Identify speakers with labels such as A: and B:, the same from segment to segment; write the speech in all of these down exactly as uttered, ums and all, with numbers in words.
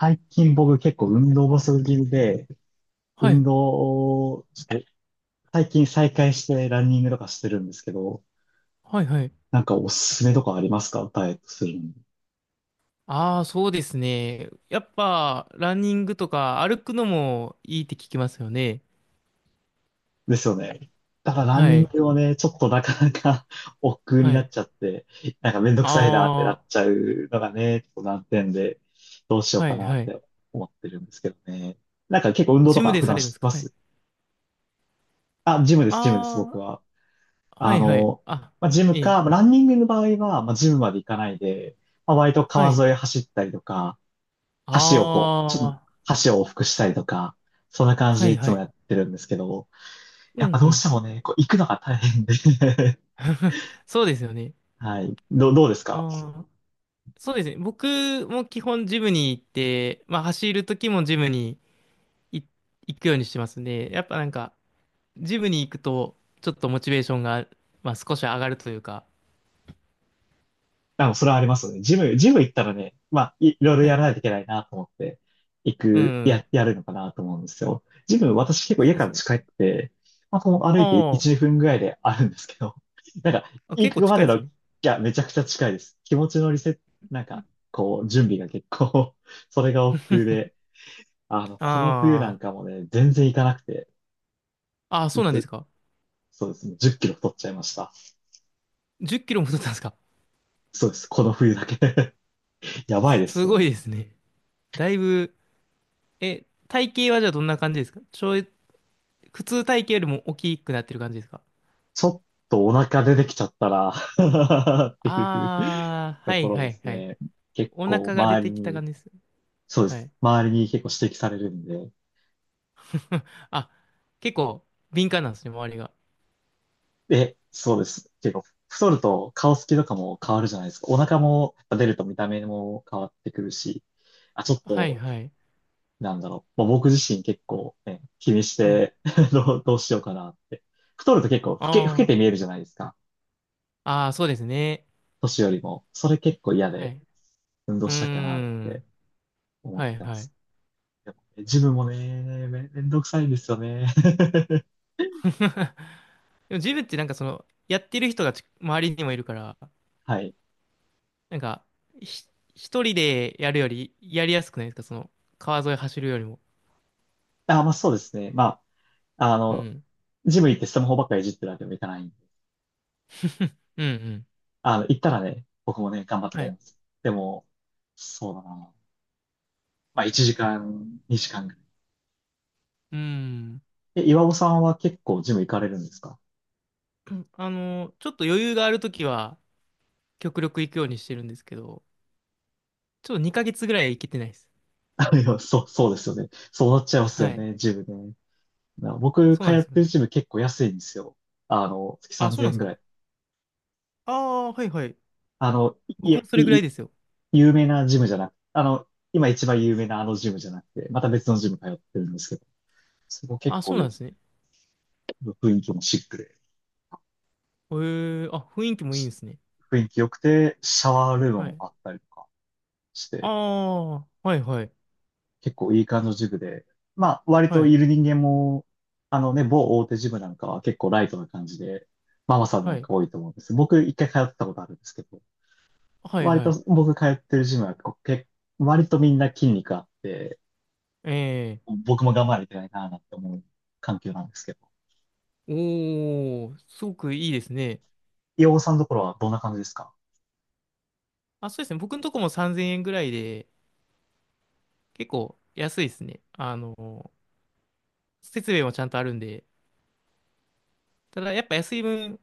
A: 最近僕結構運動不足気味で、
B: は
A: 運
B: い、
A: 動をちょっと最近再開してランニングとかしてるんですけど、
B: はい、はい。
A: なんかおすすめとかありますかダイエットするのに？
B: ああ、そうですね。やっぱ、ランニングとか歩くのもいいって聞きますよね。
A: ですよね。だからラン
B: は
A: ニン
B: い、
A: グをね、ちょっとなかなか 億劫に
B: は
A: なっ
B: い。
A: ちゃって、なんかめんどくさいなってなっ
B: あ
A: ちゃうのがね、ちょっと難点で、どうしよ
B: あ、
A: う
B: は
A: か
B: い、
A: なっ
B: はい。
A: て思ってるんですけどね。なんか結構運動
B: ジ
A: と
B: ム
A: か
B: で
A: 普
B: さ
A: 段
B: れるんで
A: して
B: すか？
A: ま
B: はい。
A: す？あ、ジムです、ジムです、
B: あ
A: 僕
B: あ、
A: は。
B: は
A: あ
B: い、はい。
A: の、
B: あ、
A: まあ、ジム
B: ええ、
A: か、まあランニングの場合は、まあ、ジムまで行かないで、まあ、割と
B: は
A: 川
B: い。
A: 沿い走ったりとか、橋をこう、ちょっと
B: あ
A: 橋を往復したりとか、そんな感
B: あ、
A: じ
B: は
A: で
B: い、
A: いつ
B: は
A: も
B: い。
A: やってるんですけど、
B: う
A: やっ
B: ん、
A: ぱ
B: う
A: どうし
B: ん。
A: てもね、こう行くのが大変で
B: そうですよね。
A: はい。どう、どうですか
B: ああ、そうですね。僕も基本ジムに行って、まあ、走る時もジムに行行くようにしてますね。やっぱなんか、ジムに行くと、ちょっとモチベーションが、まあ、少し上がるというか。
A: あ、それはありますよね。ジム、ジム行ったらね、まあ、い、いろいろ
B: は
A: やら
B: い。
A: ないといけないなと思って、行
B: う
A: く、
B: ん。
A: や、やるのかなと思うんですよ。ジム、私結構家
B: そうで
A: から
B: すね。
A: 近くて、まあ、この歩
B: あ
A: いて
B: あ、
A: いち、にふんぐらいであるんですけど、なんか、
B: あ、
A: 行
B: 結構
A: くま
B: 近
A: で
B: いで
A: の、
B: す
A: い
B: ね。
A: や、めちゃくちゃ近いです。気持ちのリセット、なん
B: う
A: か、
B: ん。
A: こう、準備が結構 それが億劫 で、あの、この冬な
B: あ
A: んかもね、全然行かなくて、
B: あ、ああ、そうなんで
A: ず
B: すか。
A: そうですね、じゅっきろ太っちゃいました。
B: じゅっキロも太ったんですか？
A: そうです、この冬だけ やばいで
B: す
A: すよ
B: ごい
A: ね。
B: ですね。だいぶ、え、体型はじゃあどんな感じですか？ちょい、普通体型よりも大きくなってる感じですか？
A: ちょっとお腹出てきちゃったら っていう
B: ああー、
A: と
B: は
A: こ
B: い
A: ろ
B: は
A: で
B: い
A: す
B: はい。
A: ね。結
B: お
A: 構
B: 腹が出
A: 周り
B: てきた
A: に、
B: 感じです。
A: そうで
B: は
A: す。
B: い。
A: 周りに結構指摘されるんで。
B: あ、結構敏感なんですね、周りが。
A: え、そうです。結構太ると顔つきとかも変わるじゃないですか。お腹も出ると見た目も変わってくるし。あ、ちょっ
B: はい
A: と、
B: はいはい。
A: なんだろう。もう僕自身結構、ね、気にし
B: はい。
A: て どう、どうしようかなって。太ると結構老
B: あ
A: け、老けて見え
B: あ。
A: るじゃないですか。
B: ああ、そうですね。
A: 年よりも。それ結構嫌
B: は
A: で
B: い。
A: 運動
B: うー
A: したいかなって
B: ん。
A: 思っ
B: はい
A: てま
B: はい。
A: す。でもねジムもね、め、めんどくさいんですよね。
B: でもジムってなんかその、やってる人がち周りにもいるから、
A: はい。
B: なんか、ひ、一人でやるよりやりやすくないですか？その、川沿い走るよりも。
A: あ、まあそうですね。まあ、あ
B: う
A: の、
B: ん。
A: ジム行ってスマホばっかりいじってるわけにもいかないんで。
B: うんうん。
A: あの、行ったらね、僕もね、頑張って
B: は
A: やり
B: い。
A: ます。でも、そうだな。まあいちじかん、にじかんぐらい。
B: うーん。
A: え、岩尾さんは結構ジム行かれるんですか？
B: あの、ちょっと余裕があるときは、極力行くようにしてるんですけど、ちょっとにかげつぐらい行けてないです。
A: あいや、そう、そうですよね。そうなっちゃいます
B: は
A: よ
B: い。
A: ね、ジムね。な僕、
B: そう
A: 通
B: なんです
A: っ
B: よ
A: てる
B: ね。
A: ジム結構安いんですよ。あの、月
B: あ、そう
A: 3000
B: なんで
A: 円
B: す
A: ぐら
B: か。
A: い。
B: ああ、はいはい。
A: あの、い、
B: 僕もそれぐ
A: い、
B: らい
A: い
B: ですよ。
A: 有名なジムじゃなく、あの、今一番有名なあのジムじゃなくて、また別のジム通ってるんですけど、そこ結
B: あ、そ
A: 構
B: うなん
A: よ、
B: ですね。
A: 雰囲気もシックで、
B: へえ、あ、雰囲気もいいんで
A: し
B: すね。
A: 雰囲気良くて、シャワールーム
B: は
A: も
B: い。
A: あったりとかし
B: あ
A: て、
B: あ、はいはい。
A: 結構いい感じのジムで、まあ、割
B: は
A: と
B: い。
A: いる人間も、あのね、某大手ジムなんかは結構ライトな感じで、ママさんな
B: は
A: ん
B: い。
A: か多いと思うんです。僕いっかい通ったことあるんですけど、
B: はい
A: 割
B: は
A: と
B: い。
A: 僕通ってるジムはこうけ、割とみんな筋肉あって、
B: ええ、
A: 僕も頑張りないないなって思う環境なんですけど、
B: おー、すごくいいですね。
A: 洋尾さんのところはどんな感じですか？
B: あ、そうですね。僕のとこもさんぜんえんぐらいで、結構安いですね。あの、設備もちゃんとあるんで。ただ、やっぱ安い分、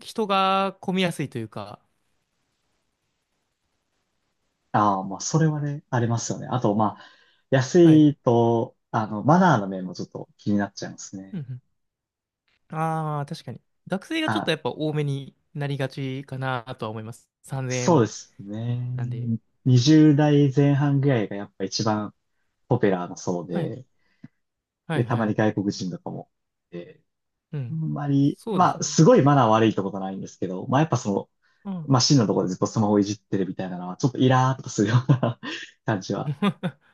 B: 人が混みやすいというか。
A: ああー、まあ、それはね、ありますよね。あと、まあ、安
B: はい。
A: いと、あの、マナーの面もちょっと気になっちゃいますね。
B: うんうん。ああ、確かに。学生がちょっ
A: あ、
B: とやっぱ多めになりがちかなとは思います。3000
A: そうで
B: 円
A: すね。
B: なんで。
A: にじゅう代前半ぐらいがやっぱ一番ポピュラーなそう
B: はい。
A: で、
B: は
A: で、
B: い
A: た
B: は
A: まに
B: い。
A: 外国人とかも。で、
B: う
A: あん
B: ん。
A: まり、
B: そうで
A: ま
B: す
A: あ、
B: ね。
A: すごいマナー悪いってことはないんですけど、まあ、やっぱその、
B: うん。
A: まあ、ンのところでずっとスマホいじってるみたいなのは、ちょっとイラーっとするような 感じは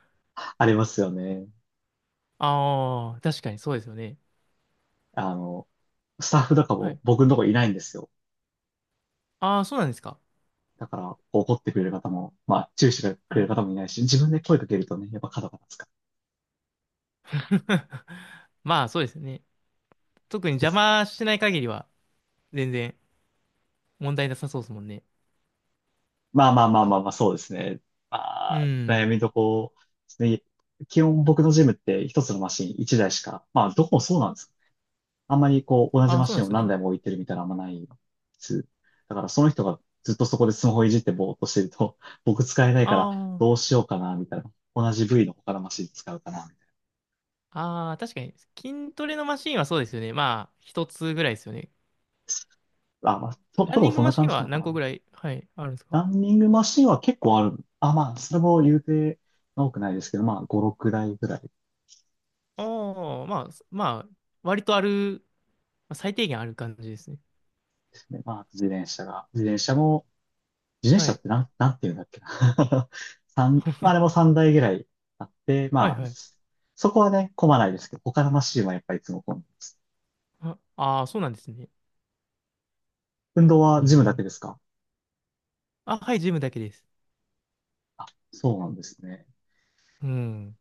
A: ありますよね。
B: ああ、確かにそうですよね。
A: あの、スタッフとか
B: は
A: も
B: い。
A: 僕のとこいないんですよ。
B: ああ、そうなんですか。
A: だから、怒ってくれる方も、まあ、注意してく
B: は
A: れる
B: い。
A: 方もいないし、自分で声かけるとね、やっぱ角が立つから
B: まあ、そうですよね。特に
A: で
B: 邪
A: す。
B: 魔しない限りは、全然問題なさそうですもんね。
A: まあまあまあまあまあ、そうですね。
B: う
A: まあ、悩
B: ん。
A: みどころですね。基本僕のジムって一つのマシンいちだいしか、まあ、どこもそうなんです。あんまりこう、同じ
B: ああ、
A: マ
B: そう
A: シ
B: なん
A: ン
B: で
A: を
B: す
A: 何
B: ね。
A: 台も置いてるみたいなのあんまないです。だから、その人がずっとそこでスマホいじってぼーっとしてると、僕使えないから、
B: あ
A: どうしようかな、みたいな。同じ部位の他のマシン使うかな、みたい
B: あ、ああ、確かに。筋トレのマシンはそうですよね。まあ、一つぐらいですよね。
A: な。あ、まあ、と、
B: ラ
A: ど
B: ン
A: う
B: ニ
A: も
B: ング
A: そん
B: マ
A: な
B: シ
A: 感
B: ン
A: じな
B: は
A: のか
B: 何個
A: な。
B: ぐらい、はい、あるんですか？
A: ランニングマシンは結構ある。あ、まあ、それも言うて多くないですけど、まあ、ご、ろくだいぐらいで
B: ああ、まあ、まあ、割とある、まあ最低限ある感じですね。
A: すね。まあ、自転車が。自転車も、自転
B: は
A: 車っ
B: い。
A: てなん、なんていうんだっけな。三、まあ、あれもさんだいぐらいあって、
B: はい、
A: まあ、
B: はい。
A: そそこはね、混まないですけど、他のマシンはやっぱりいつも混んでます。
B: ああー、そうなんですね。
A: 運動は
B: う
A: ジムだ
B: ん。
A: けですか？
B: あ、はい、ジムだけです。
A: あ、そうなんですね。
B: うん。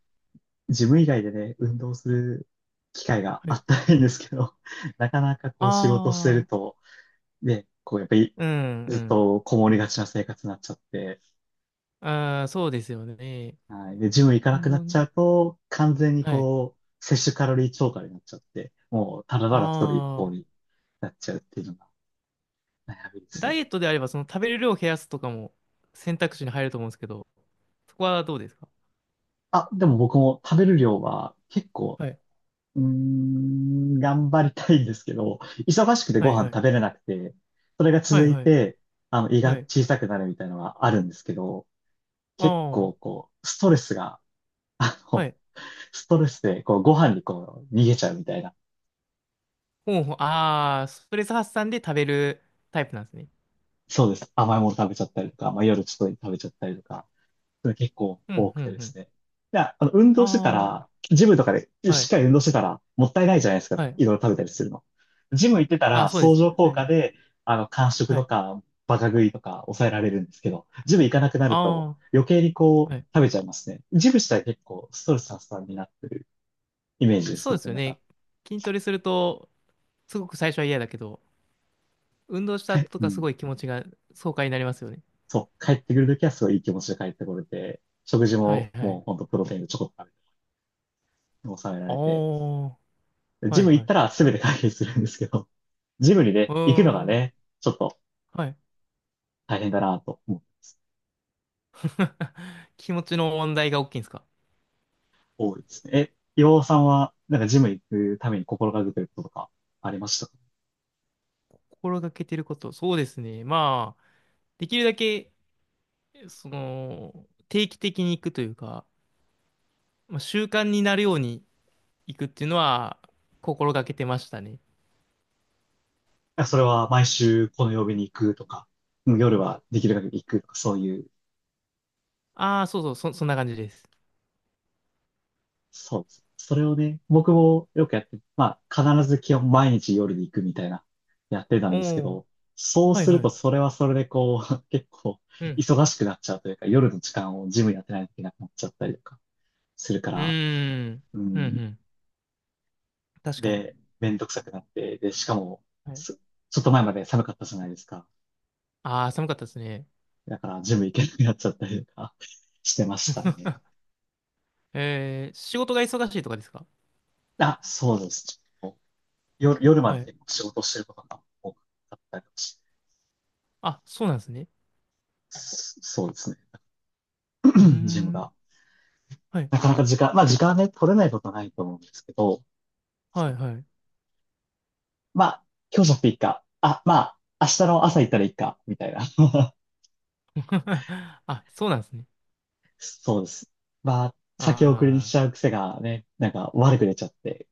A: ジム以外でね、運動する機会が
B: は
A: あ
B: い。
A: ったらいいんですけど、なかなかこう仕事してる
B: ああ、
A: と、で、こう、やっぱり、
B: うん、う
A: ずっ
B: ん。
A: とこもりがちな生活になっちゃって、
B: ああ、そうですよね。
A: はい。で、ジム行かな
B: 運
A: くなっ
B: 動
A: ちゃ
B: ね。
A: うと、完全に
B: はい。
A: こう、摂取カロリー超過になっちゃって、もう、ただただ太る一方
B: ああ、
A: になっちゃうっていうのが悩みです
B: ダ
A: ね。
B: イエットであれば、その食べる量を減らすとかも選択肢に入ると思うんですけど、そこはどうですか？
A: あ、でも僕も食べる量は結構、
B: はい。
A: うーん、頑張りたいんですけど、忙しくて
B: は
A: ご
B: い、
A: 飯
B: はい。
A: 食べれなくて、それが
B: は
A: 続
B: い、
A: い
B: はい。
A: て、あの、胃が
B: はい。
A: 小さくなるみたいなのはあるんですけど、
B: あ
A: 結
B: あ、
A: 構こう、ストレスが、あ
B: は
A: の、
B: い。
A: ストレスで、こう、ご飯にこう、逃げちゃうみたいな。
B: ほうほう、ああ、ストレス発散で食べるタイプなんですね。
A: そうです。甘いもの食べちゃったりとか、まあ、夜ちょっと食べちゃったりとか、それ結構
B: うん、
A: 多
B: う
A: く
B: ん、う
A: てで
B: ん。
A: すね。いや、あの、運動してた
B: あ
A: ら、ジムとかで
B: あ、は
A: しっ
B: い。
A: かり運動してたら、もったいないじゃないですか。
B: は
A: い
B: い。
A: ろいろ食べたりするの。ジム行ってた
B: ああ、
A: ら、
B: そうで
A: 相
B: すね。
A: 乗効
B: は
A: 果
B: い。
A: で、あの、間食
B: は
A: と
B: い。
A: か、バカ食いとか抑えられるんですけど、ジム行かなくな
B: あ
A: ると、余計に
B: あ、
A: こ
B: は
A: う、
B: い。
A: 食べちゃいますね。ジム自体結構ストレス発散になってるイメージです、
B: そうで
A: 僕
B: す
A: の
B: よ
A: 中。
B: ね。筋トレすると、すごく最初は嫌だけど、運動した
A: はい。
B: 後と
A: う
B: かす
A: ん。
B: ごい気持ちが爽快になりますよね。
A: そう、帰ってくるときはすごいいい気持ちで帰ってこれて、食事
B: は
A: も
B: いは
A: もうほ
B: い。
A: んとプロテインでちょこっと食べて、抑えら
B: ああ、
A: れて、
B: は
A: ジ
B: い
A: ム行っ
B: は
A: た
B: い。
A: ら全て解決するんですけど、ジムに
B: う
A: ね、行くのが
B: ーん。
A: ね、ちょっと
B: はい。
A: 大変だなと思う、
B: 気持ちの問題が大きいんですか？
A: 多いですね。え、岩尾さんは、なんかジム行くために心がけてることとかありました
B: 心がけてること。そうですね。まあ、できるだけ、その、定期的に行くというか、まあ、習慣になるように行くっていうのは心がけてましたね。
A: か？それは毎週この曜日に行くとか、うん夜はできる限り行くとか、そういう
B: ああ、そうそう、そ、そんな感じです。
A: そうです。それをね、僕もよくやって、まあ、必ず基本毎日夜に行くみたいな、やってたん
B: お
A: ですけ
B: お、
A: ど、そう
B: はい
A: する
B: は
A: と
B: い。
A: それはそれでこう、結構
B: うん。
A: 忙しくなっちゃうというか、夜の時間をジムやってないといけなくなっちゃったりとかするか
B: う
A: ら、
B: ーん。
A: う
B: うんう
A: ん、
B: ん。確かに。
A: で、めんどくさくなって、で、しかも、
B: はい。
A: すちょっと前まで寒かったじゃないですか。
B: ああ、寒かったですね。
A: だからジム行けなくなっちゃったりとか してましたね。
B: えー、仕事が忙しいとかですか？
A: あ、そうです。夜、夜ま
B: は
A: で
B: い。
A: 結構仕事してることが多かったりとかして
B: あ、そうなんですね。
A: そうですね。
B: うー
A: ジム
B: ん。
A: が。
B: はい。
A: なかなか時間、まあ時間はね、取れないことはないと思うんですけど、
B: はい、はい。
A: まあ、今日じゃなくていいか。あ、まあ、明日の朝行ったらいいか、みたいな。
B: あ、そうなんですね。
A: そうです。まあ、先送りにし
B: ああ、
A: ちゃう癖がね、なんか悪く出ちゃって、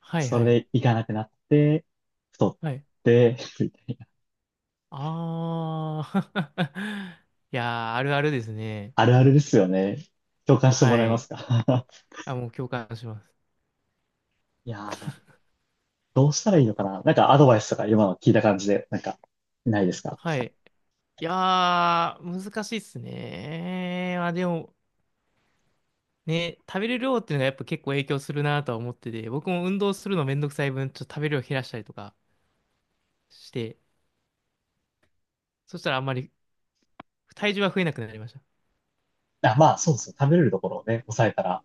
B: はい、
A: そ
B: は
A: れ
B: い。
A: で行かなくなって、太っ
B: はい。
A: て、みたいな。
B: ああ、いやー、あるあるですね。
A: あるあるですよね。共感しても
B: は
A: らえま
B: い。
A: すか？
B: あ、もう共感します。
A: いやー、どうしたらいいのかななんかアドバイスとか今の聞いた感じで、なんか、ないですか？
B: はい。いやー、難しいっすね。まあでも、ね、食べる量っていうのがやっぱ結構影響するなとは思ってて、僕も運動するのめんどくさい分、ちょっと食べる量減らしたりとかして、そしたらあんまり体重は増えなくなりました。
A: あ、まあ、そうですよ。食べれるところをね、抑えたら、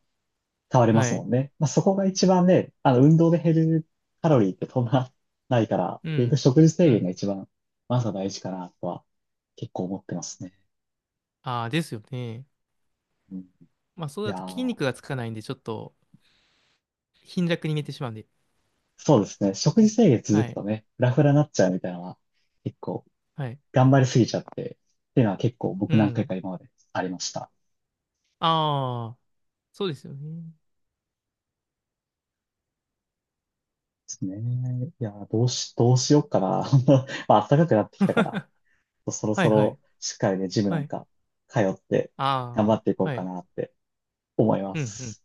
A: 変われま
B: は
A: すも
B: い。
A: んね。まあ、そこが一番ね、あの、運動で減るカロリーってそんなないから、
B: う
A: 結局
B: ん。
A: 食事
B: う
A: 制限が
B: ん。
A: 一番、まずは大事かなとは結構思ってますね。
B: ああ、ですよね。
A: うん、い
B: まあ、そうだ
A: や
B: と筋
A: ー、
B: 肉がつかないんで、ちょっと貧弱に寝てしまうんで。
A: そうですね。食事制限続
B: は
A: く
B: い。
A: とね、フラフラになっちゃうみたいなのは、結構
B: はい。
A: 頑張りすぎちゃって、っていうのは結構
B: う
A: 僕何回
B: ん。
A: か今までありました。
B: ああ、そうですよね。
A: ですね。いやー、どうし、どうしようかな。まあ、暖かくなってきたから、そろ
B: は
A: そ
B: いはい。
A: ろしっかりね、ジムな
B: は
A: ん
B: い。
A: か通って頑張
B: あ
A: っていこ
B: あ、
A: う
B: は
A: か
B: い。
A: なって思いま
B: うんうん
A: す。